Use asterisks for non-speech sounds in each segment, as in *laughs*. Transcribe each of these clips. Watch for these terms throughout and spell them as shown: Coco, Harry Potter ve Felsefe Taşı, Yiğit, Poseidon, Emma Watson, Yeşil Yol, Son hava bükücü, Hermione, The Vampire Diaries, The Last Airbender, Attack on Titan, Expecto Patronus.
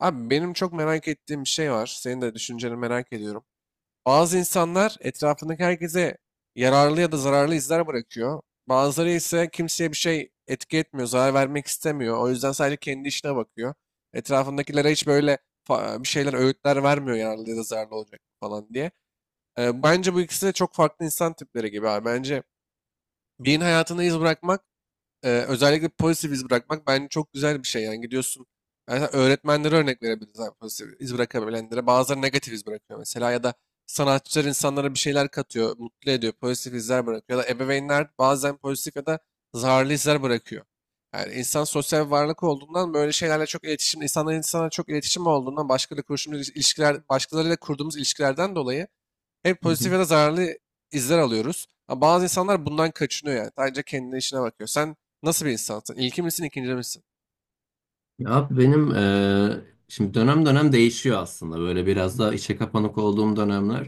Abi benim çok merak ettiğim bir şey var. Senin de düşünceni merak ediyorum. Bazı insanlar etrafındaki herkese yararlı ya da zararlı izler bırakıyor. Bazıları ise kimseye bir şey etki etmiyor, zarar vermek istemiyor. O yüzden sadece kendi işine bakıyor. Etrafındakilere hiç böyle bir şeyler, öğütler vermiyor yararlı ya da zararlı olacak falan diye. Bence bu ikisi de çok farklı insan tipleri gibi abi. Bence birinin hayatına iz bırakmak özellikle pozitif iz bırakmak bence çok güzel bir şey. Yani gidiyorsun mesela öğretmenlere örnek verebiliriz abi pozitif iz bırakabilenlere. Bazıları negatif iz bırakıyor mesela ya da sanatçılar insanlara bir şeyler katıyor, mutlu ediyor, pozitif izler bırakıyor. Ya da ebeveynler bazen pozitif ya da zararlı izler bırakıyor. Yani insan sosyal bir varlık olduğundan böyle şeylerle çok iletişim, insanların insana çok iletişim olduğundan başkalarıyla kurduğumuz ilişkiler, başkalarıyla kurduğumuz ilişkilerden dolayı hep Hı hı. pozitif ya da zararlı izler alıyoruz. Ama bazı insanlar bundan kaçınıyor yani. Sadece kendine işine bakıyor. Sen nasıl bir insansın? İlki misin, ikinci misin? Ya abi, benim şimdi dönem dönem değişiyor aslında. Böyle biraz daha içe kapanık olduğum dönemler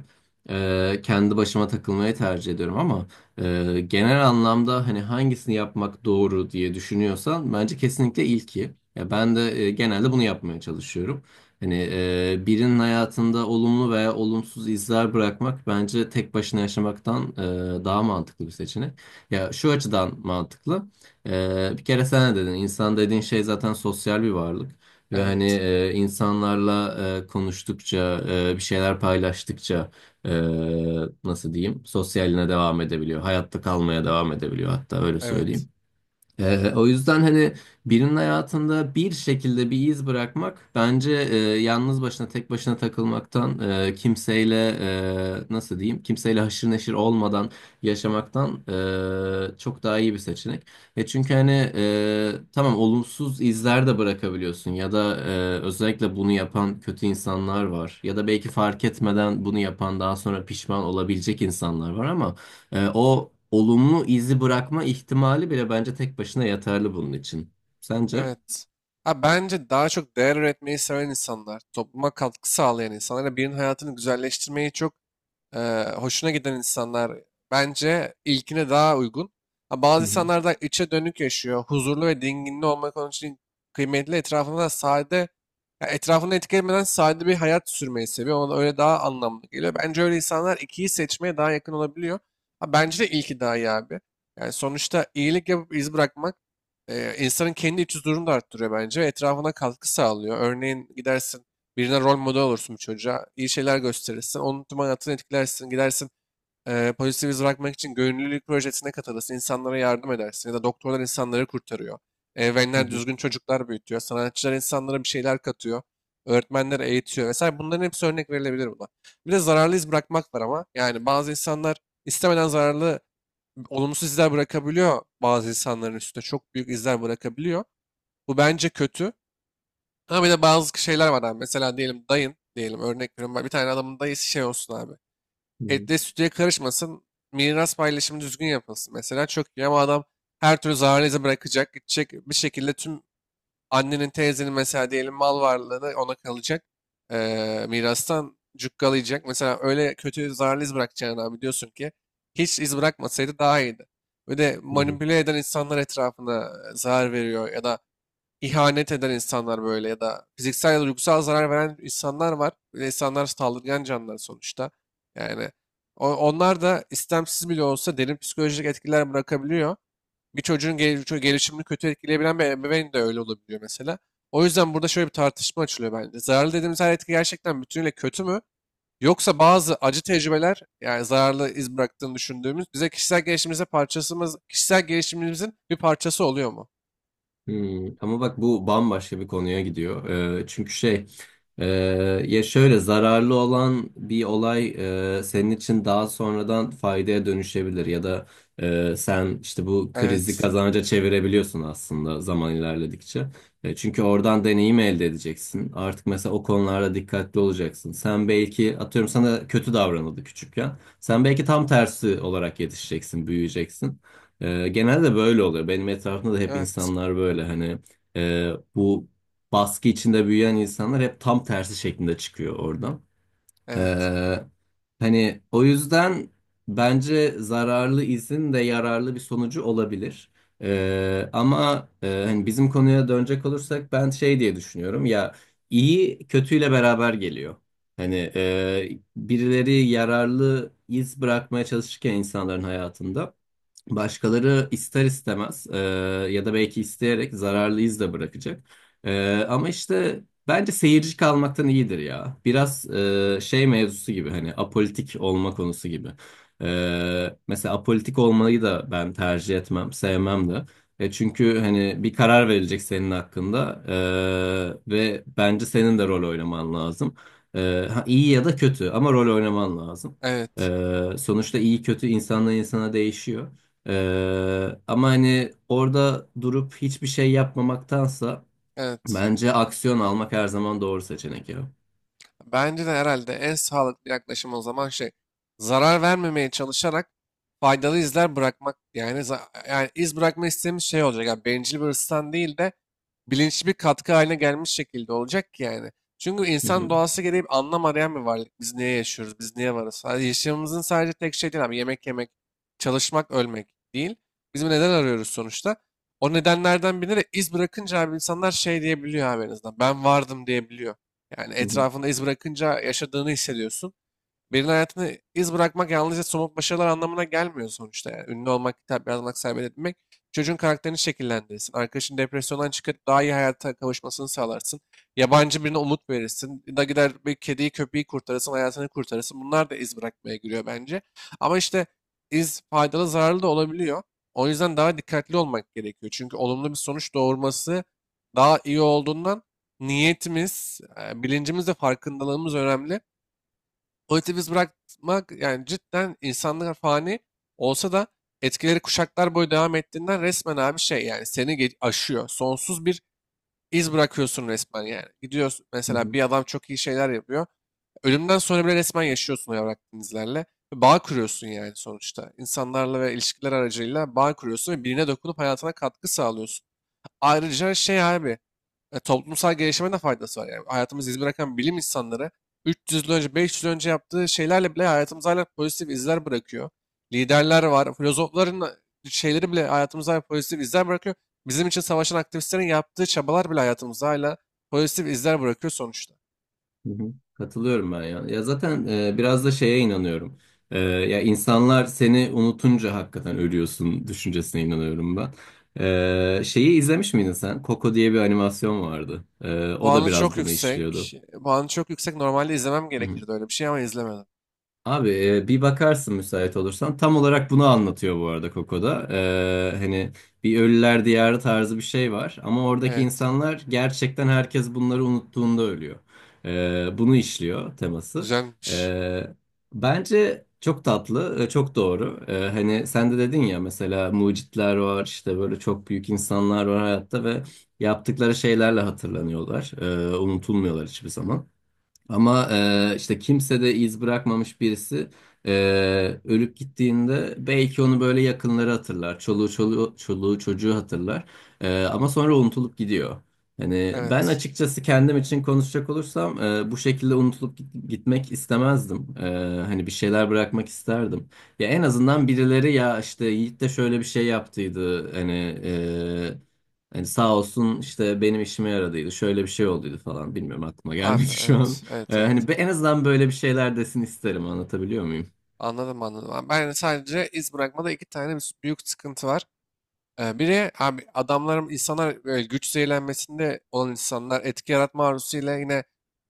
kendi başıma takılmayı tercih ediyorum, ama genel anlamda, hani, hangisini yapmak doğru diye düşünüyorsan bence kesinlikle ilki. Ya, ben de genelde bunu yapmaya çalışıyorum. Hani, birinin hayatında olumlu veya olumsuz izler bırakmak bence tek başına yaşamaktan daha mantıklı bir seçenek. Ya, şu açıdan mantıklı. Bir kere sen de dedin, insan dediğin şey zaten sosyal bir varlık ve hani, Evet, insanlarla konuştukça, bir şeyler paylaştıkça, e, nasıl diyeyim, sosyaline devam edebiliyor, hayatta kalmaya devam edebiliyor, hatta öyle evet, söyleyeyim. O yüzden hani, birinin hayatında bir şekilde bir iz bırakmak bence yalnız başına, tek başına takılmaktan, kimseyle nasıl diyeyim, kimseyle haşır neşir olmadan yaşamaktan çok daha iyi bir seçenek. Çünkü hani, tamam, olumsuz izler de bırakabiliyorsun ya da özellikle bunu yapan kötü insanlar var, ya da belki fark etmeden bunu yapan, daha sonra pişman olabilecek insanlar var, ama o olumlu izi bırakma ihtimali bile bence tek başına yeterli bunun için. Sence? evet. Ha, bence daha çok değer üretmeyi seven insanlar, topluma katkı sağlayan insanlar, ve birinin hayatını güzelleştirmeyi çok hoşuna giden insanlar bence ilkine daha uygun. Ha, Hı bazı hı, insanlar da içe dönük yaşıyor. Huzurlu ve dinginli olmak onun için kıymetli. Etrafında da sade, ya etrafını etkilemeden sade bir hayat sürmeyi seviyor. Ona da öyle daha anlamlı geliyor. Bence öyle insanlar ikiyi seçmeye daha yakın olabiliyor. Ha, bence de ilki daha iyi abi. Yani sonuçta iyilik yapıp iz bırakmak insanın kendi iç huzurunu da arttırıyor bence. Etrafına katkı sağlıyor. Örneğin gidersin birine rol model olursun bu çocuğa. İyi şeyler gösterirsin. Onun tüm hayatını etkilersin. Gidersin pozitif iz bırakmak için gönüllülük projesine katılırsın. İnsanlara yardım edersin. Ya da doktorlar insanları kurtarıyor. hı Ebeveynler hı, düzgün çocuklar büyütüyor. Sanatçılar insanlara bir şeyler katıyor. Öğretmenler eğitiyor. Vesaire bunların hepsi örnek verilebilir buna. Bir de zararlı iz bırakmak var ama. Yani bazı insanlar istemeden zararlı, olumsuz izler bırakabiliyor bazı insanların üstüne. Çok büyük izler bırakabiliyor. Bu bence kötü. Ama bir de bazı şeyler var abi. Mesela diyelim dayın diyelim örnek veriyorum. Bir tane adamın dayısı şey olsun abi. hı hı, Etle sütüye karışmasın. Miras paylaşımı düzgün yapılsın. Mesela çok iyi ama adam her türlü zararlı izi bırakacak. Gidecek bir şekilde tüm annenin teyzenin mesela diyelim mal varlığını ona kalacak. Mirastan cukkalayacak. Mesela öyle kötü zararlı iz bırakacağını abi diyorsun ki hiç iz bırakmasaydı daha iyiydi. Ve de hı hı. manipüle eden insanlar etrafına zarar veriyor ya da ihanet eden insanlar böyle ya da fiziksel ya da duygusal zarar veren insanlar var. Böyle insanlar saldırgan canlılar sonuçta. Yani onlar da istemsiz bile olsa derin psikolojik etkiler bırakabiliyor. Bir çocuğun gelişimini kötü etkileyebilen bir ebeveyn de öyle olabiliyor mesela. O yüzden burada şöyle bir tartışma açılıyor bence. Zararlı dediğimiz her etki gerçekten bütünüyle kötü mü? Yoksa bazı acı tecrübeler yani zararlı iz bıraktığını düşündüğümüz bize kişisel gelişimimizin bir parçası oluyor mu? Hmm, ama bak, bu bambaşka bir konuya gidiyor. Çünkü şey, e, ya şöyle, zararlı olan bir olay senin için daha sonradan faydaya dönüşebilir, ya da sen işte bu krizi Evet. kazanca çevirebiliyorsun aslında zaman ilerledikçe. Çünkü oradan deneyim elde edeceksin. Artık mesela o konularda dikkatli olacaksın. Sen belki, atıyorum, sana kötü davranıldı küçükken. Sen belki tam tersi olarak yetişeceksin, büyüyeceksin. Genelde böyle oluyor. Benim etrafımda da hep Evet. insanlar böyle, hani, bu baskı içinde büyüyen insanlar hep tam tersi şeklinde çıkıyor oradan. Evet. Ee, Hani, o yüzden bence zararlı izin de yararlı bir sonucu olabilir. Ama hani, bizim konuya dönecek olursak, ben şey diye düşünüyorum ya, iyi kötüyle beraber geliyor. Hani, birileri yararlı iz bırakmaya çalışırken insanların hayatında, başkaları ister istemez, ya da belki isteyerek, zararlı iz de bırakacak. Ama işte bence seyirci kalmaktan iyidir ya. Biraz şey mevzusu gibi, hani, apolitik olma konusu gibi. Mesela apolitik olmayı da ben tercih etmem, sevmem de. Çünkü hani, bir karar verilecek senin hakkında, ve bence senin de rol oynaman lazım. E, ha, iyi ya da kötü, ama rol oynaman lazım. Evet. Sonuçta iyi kötü insandan insana değişiyor. Ama hani, orada durup hiçbir şey yapmamaktansa Evet. bence aksiyon almak her zaman doğru seçenek ya. Bence de herhalde en sağlıklı yaklaşım o zaman şey zarar vermemeye çalışarak faydalı izler bırakmak yani yani iz bırakma istediğimiz şey olacak. Yani bencil bir hırstan değil de bilinçli bir katkı haline gelmiş şekilde olacak ki yani. Çünkü Hı hı, insan doğası gereği bir anlam arayan bir varlık. Biz niye yaşıyoruz? Biz niye varız? Yani yaşamımızın sadece tek şey değil abi. Yemek yemek, çalışmak, ölmek değil. Biz bir neden arıyoruz sonuçta. O nedenlerden birine de iz bırakınca abi insanlar şey diyebiliyor abi en azından. Ben vardım diyebiliyor. Yani hı hı, etrafını iz bırakınca yaşadığını hissediyorsun. Birinin hayatını iz bırakmak yalnızca somut başarılar anlamına gelmiyor sonuçta. Yani. Ünlü olmak, kitap yazmak, seyahat etmek çocuğun karakterini şekillendirirsin, arkadaşın depresyondan çıkıp daha iyi hayata kavuşmasını sağlarsın. Yabancı birine umut verirsin. Da gider bir kediyi, köpeği kurtarırsın, hayatını kurtarırsın. Bunlar da iz bırakmaya giriyor bence. Ama işte iz faydalı, zararlı da olabiliyor. O yüzden daha dikkatli olmak gerekiyor. Çünkü olumlu bir sonuç doğurması daha iyi olduğundan niyetimiz, bilincimiz ve farkındalığımız önemli. Politiği biz bırakmak yani cidden insanlar fani olsa da etkileri kuşaklar boyu devam ettiğinden resmen abi şey yani seni aşıyor. Sonsuz bir iz bırakıyorsun resmen yani. Gidiyorsun hı mesela hı, bir adam çok iyi şeyler yapıyor. Ölümden sonra bile resmen yaşıyorsun o evrak denizlerle. Ve bağ kuruyorsun yani sonuçta. İnsanlarla ve ilişkiler aracılığıyla bağ kuruyorsun ve birine dokunup hayatına katkı sağlıyorsun. Ayrıca şey abi toplumsal gelişime de faydası var. Yani hayatımızı iz bırakan bilim insanları 300 yıl önce, 500 yıl önce yaptığı şeylerle bile hayatımıza hala pozitif izler bırakıyor. Liderler var, filozofların şeyleri bile hayatımıza hala pozitif izler bırakıyor. Bizim için savaşan aktivistlerin yaptığı çabalar bile hayatımıza hala pozitif izler bırakıyor sonuçta. hı hı. Katılıyorum ben ya. Ya zaten biraz da şeye inanıyorum. Ya, insanlar seni unutunca hakikaten ölüyorsun düşüncesine inanıyorum ben. Şeyi izlemiş miydin sen? Coco diye bir animasyon vardı. O da Puanı biraz çok bunu yüksek. işliyordu. Puanı çok yüksek. Normalde izlemem gerekirdi öyle bir şey ama izlemedim. Abi, bir bakarsın müsait olursan. Tam olarak bunu anlatıyor bu arada Koko'da. Hani, bir ölüler diyarı tarzı bir şey var. Ama oradaki Evet. insanlar gerçekten herkes bunları unuttuğunda ölüyor. Bunu işliyor teması. Güzelmiş. Ee, Bence çok tatlı, çok doğru. Hani, sen de dedin ya, mesela mucitler var işte, böyle çok büyük insanlar var hayatta ve yaptıkları şeylerle hatırlanıyorlar. Unutulmuyorlar hiçbir zaman. Ama işte kimse de iz bırakmamış birisi e, ölüp gittiğinde, belki onu böyle yakınları hatırlar. Çoluğu çocuğu hatırlar. Ama sonra unutulup gidiyor. Hani, ben Evet. açıkçası kendim için konuşacak olursam, bu şekilde gitmek istemezdim. Hani, bir şeyler bırakmak isterdim. Ya, en azından birileri, ya işte, Yiğit de şöyle bir şey yaptıydı. Hani, e, sağ olsun, işte benim işime yaradıydı. Şöyle bir şey olduydu falan. Bilmiyorum, aklıma gelmedi Abi şu an. evet. Evet, evet. Hani, en azından böyle bir şeyler desin isterim, anlatabiliyor muyum? Anladım, anladım. Ben hani, sadece iz bırakmada iki tane bir büyük sıkıntı var. Biri abi adamların insanlar böyle güç zehirlenmesinde olan insanlar etki yaratma arzusuyla yine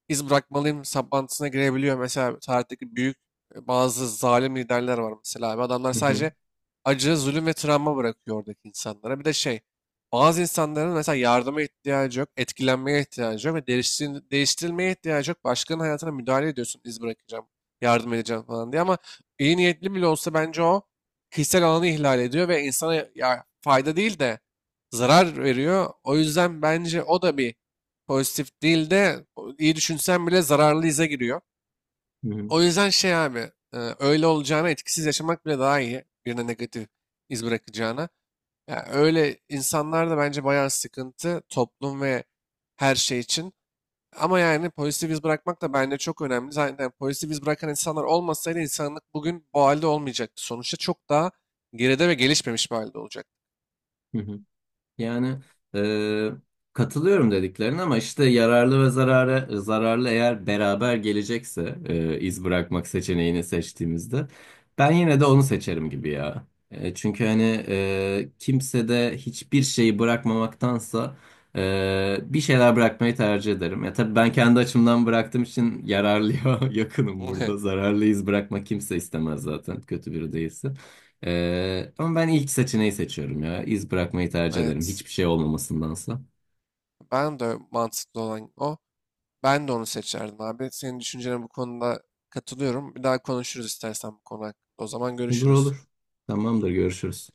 iz bırakmalıyım saplantısına girebiliyor. Mesela tarihteki büyük bazı zalim liderler var mesela abi. Adamlar Hı hı, sadece acı, zulüm ve travma bırakıyor oradaki insanlara. Bir de şey, bazı insanların mesela yardıma ihtiyacı yok, etkilenmeye ihtiyacı yok ve değiştirilmeye ihtiyacı yok. Başkanın hayatına müdahale ediyorsun, iz bırakacağım, yardım edeceğim falan diye ama iyi niyetli bile olsa bence o kişisel alanı ihlal ediyor ve insana ya, fayda değil de zarar veriyor. O yüzden bence o da bir pozitif değil de iyi düşünsen bile zararlı ize giriyor. hı hı, O yüzden şey abi öyle olacağına etkisiz yaşamak bile daha iyi. Birine negatif iz bırakacağına. Ya öyle insanlar da bence bayağı sıkıntı toplum ve her şey için. Ama yani pozitif iz bırakmak da bence çok önemli. Zaten pozitif iz bırakan insanlar olmasaydı insanlık bugün bu halde olmayacaktı. Sonuçta çok daha geride ve gelişmemiş bir halde olacak. hı hı. Yani, e, katılıyorum dediklerine, ama işte yararlı ve zararlı eğer beraber gelecekse, iz bırakmak seçeneğini seçtiğimizde ben yine de onu seçerim gibi ya. Çünkü hani, kimse de hiçbir şeyi bırakmamaktansa bir şeyler bırakmayı tercih ederim. Ya tabii, ben kendi açımdan bıraktığım için yararlıya *laughs* yakınım *laughs* Evet. burada. Zararlı iz bırakmak kimse istemez zaten, kötü biri değilse. Ama ben ilk seçeneği seçiyorum ya. İz bırakmayı tercih ederim. Evet. Hiçbir şey olmamasındansa. Ben de mantıklı olan o. Ben de onu seçerdim abi. Senin düşüncene bu konuda katılıyorum. Bir daha konuşuruz istersen bu konu hakkında. O zaman Olur görüşürüz. olur. Tamamdır, görüşürüz.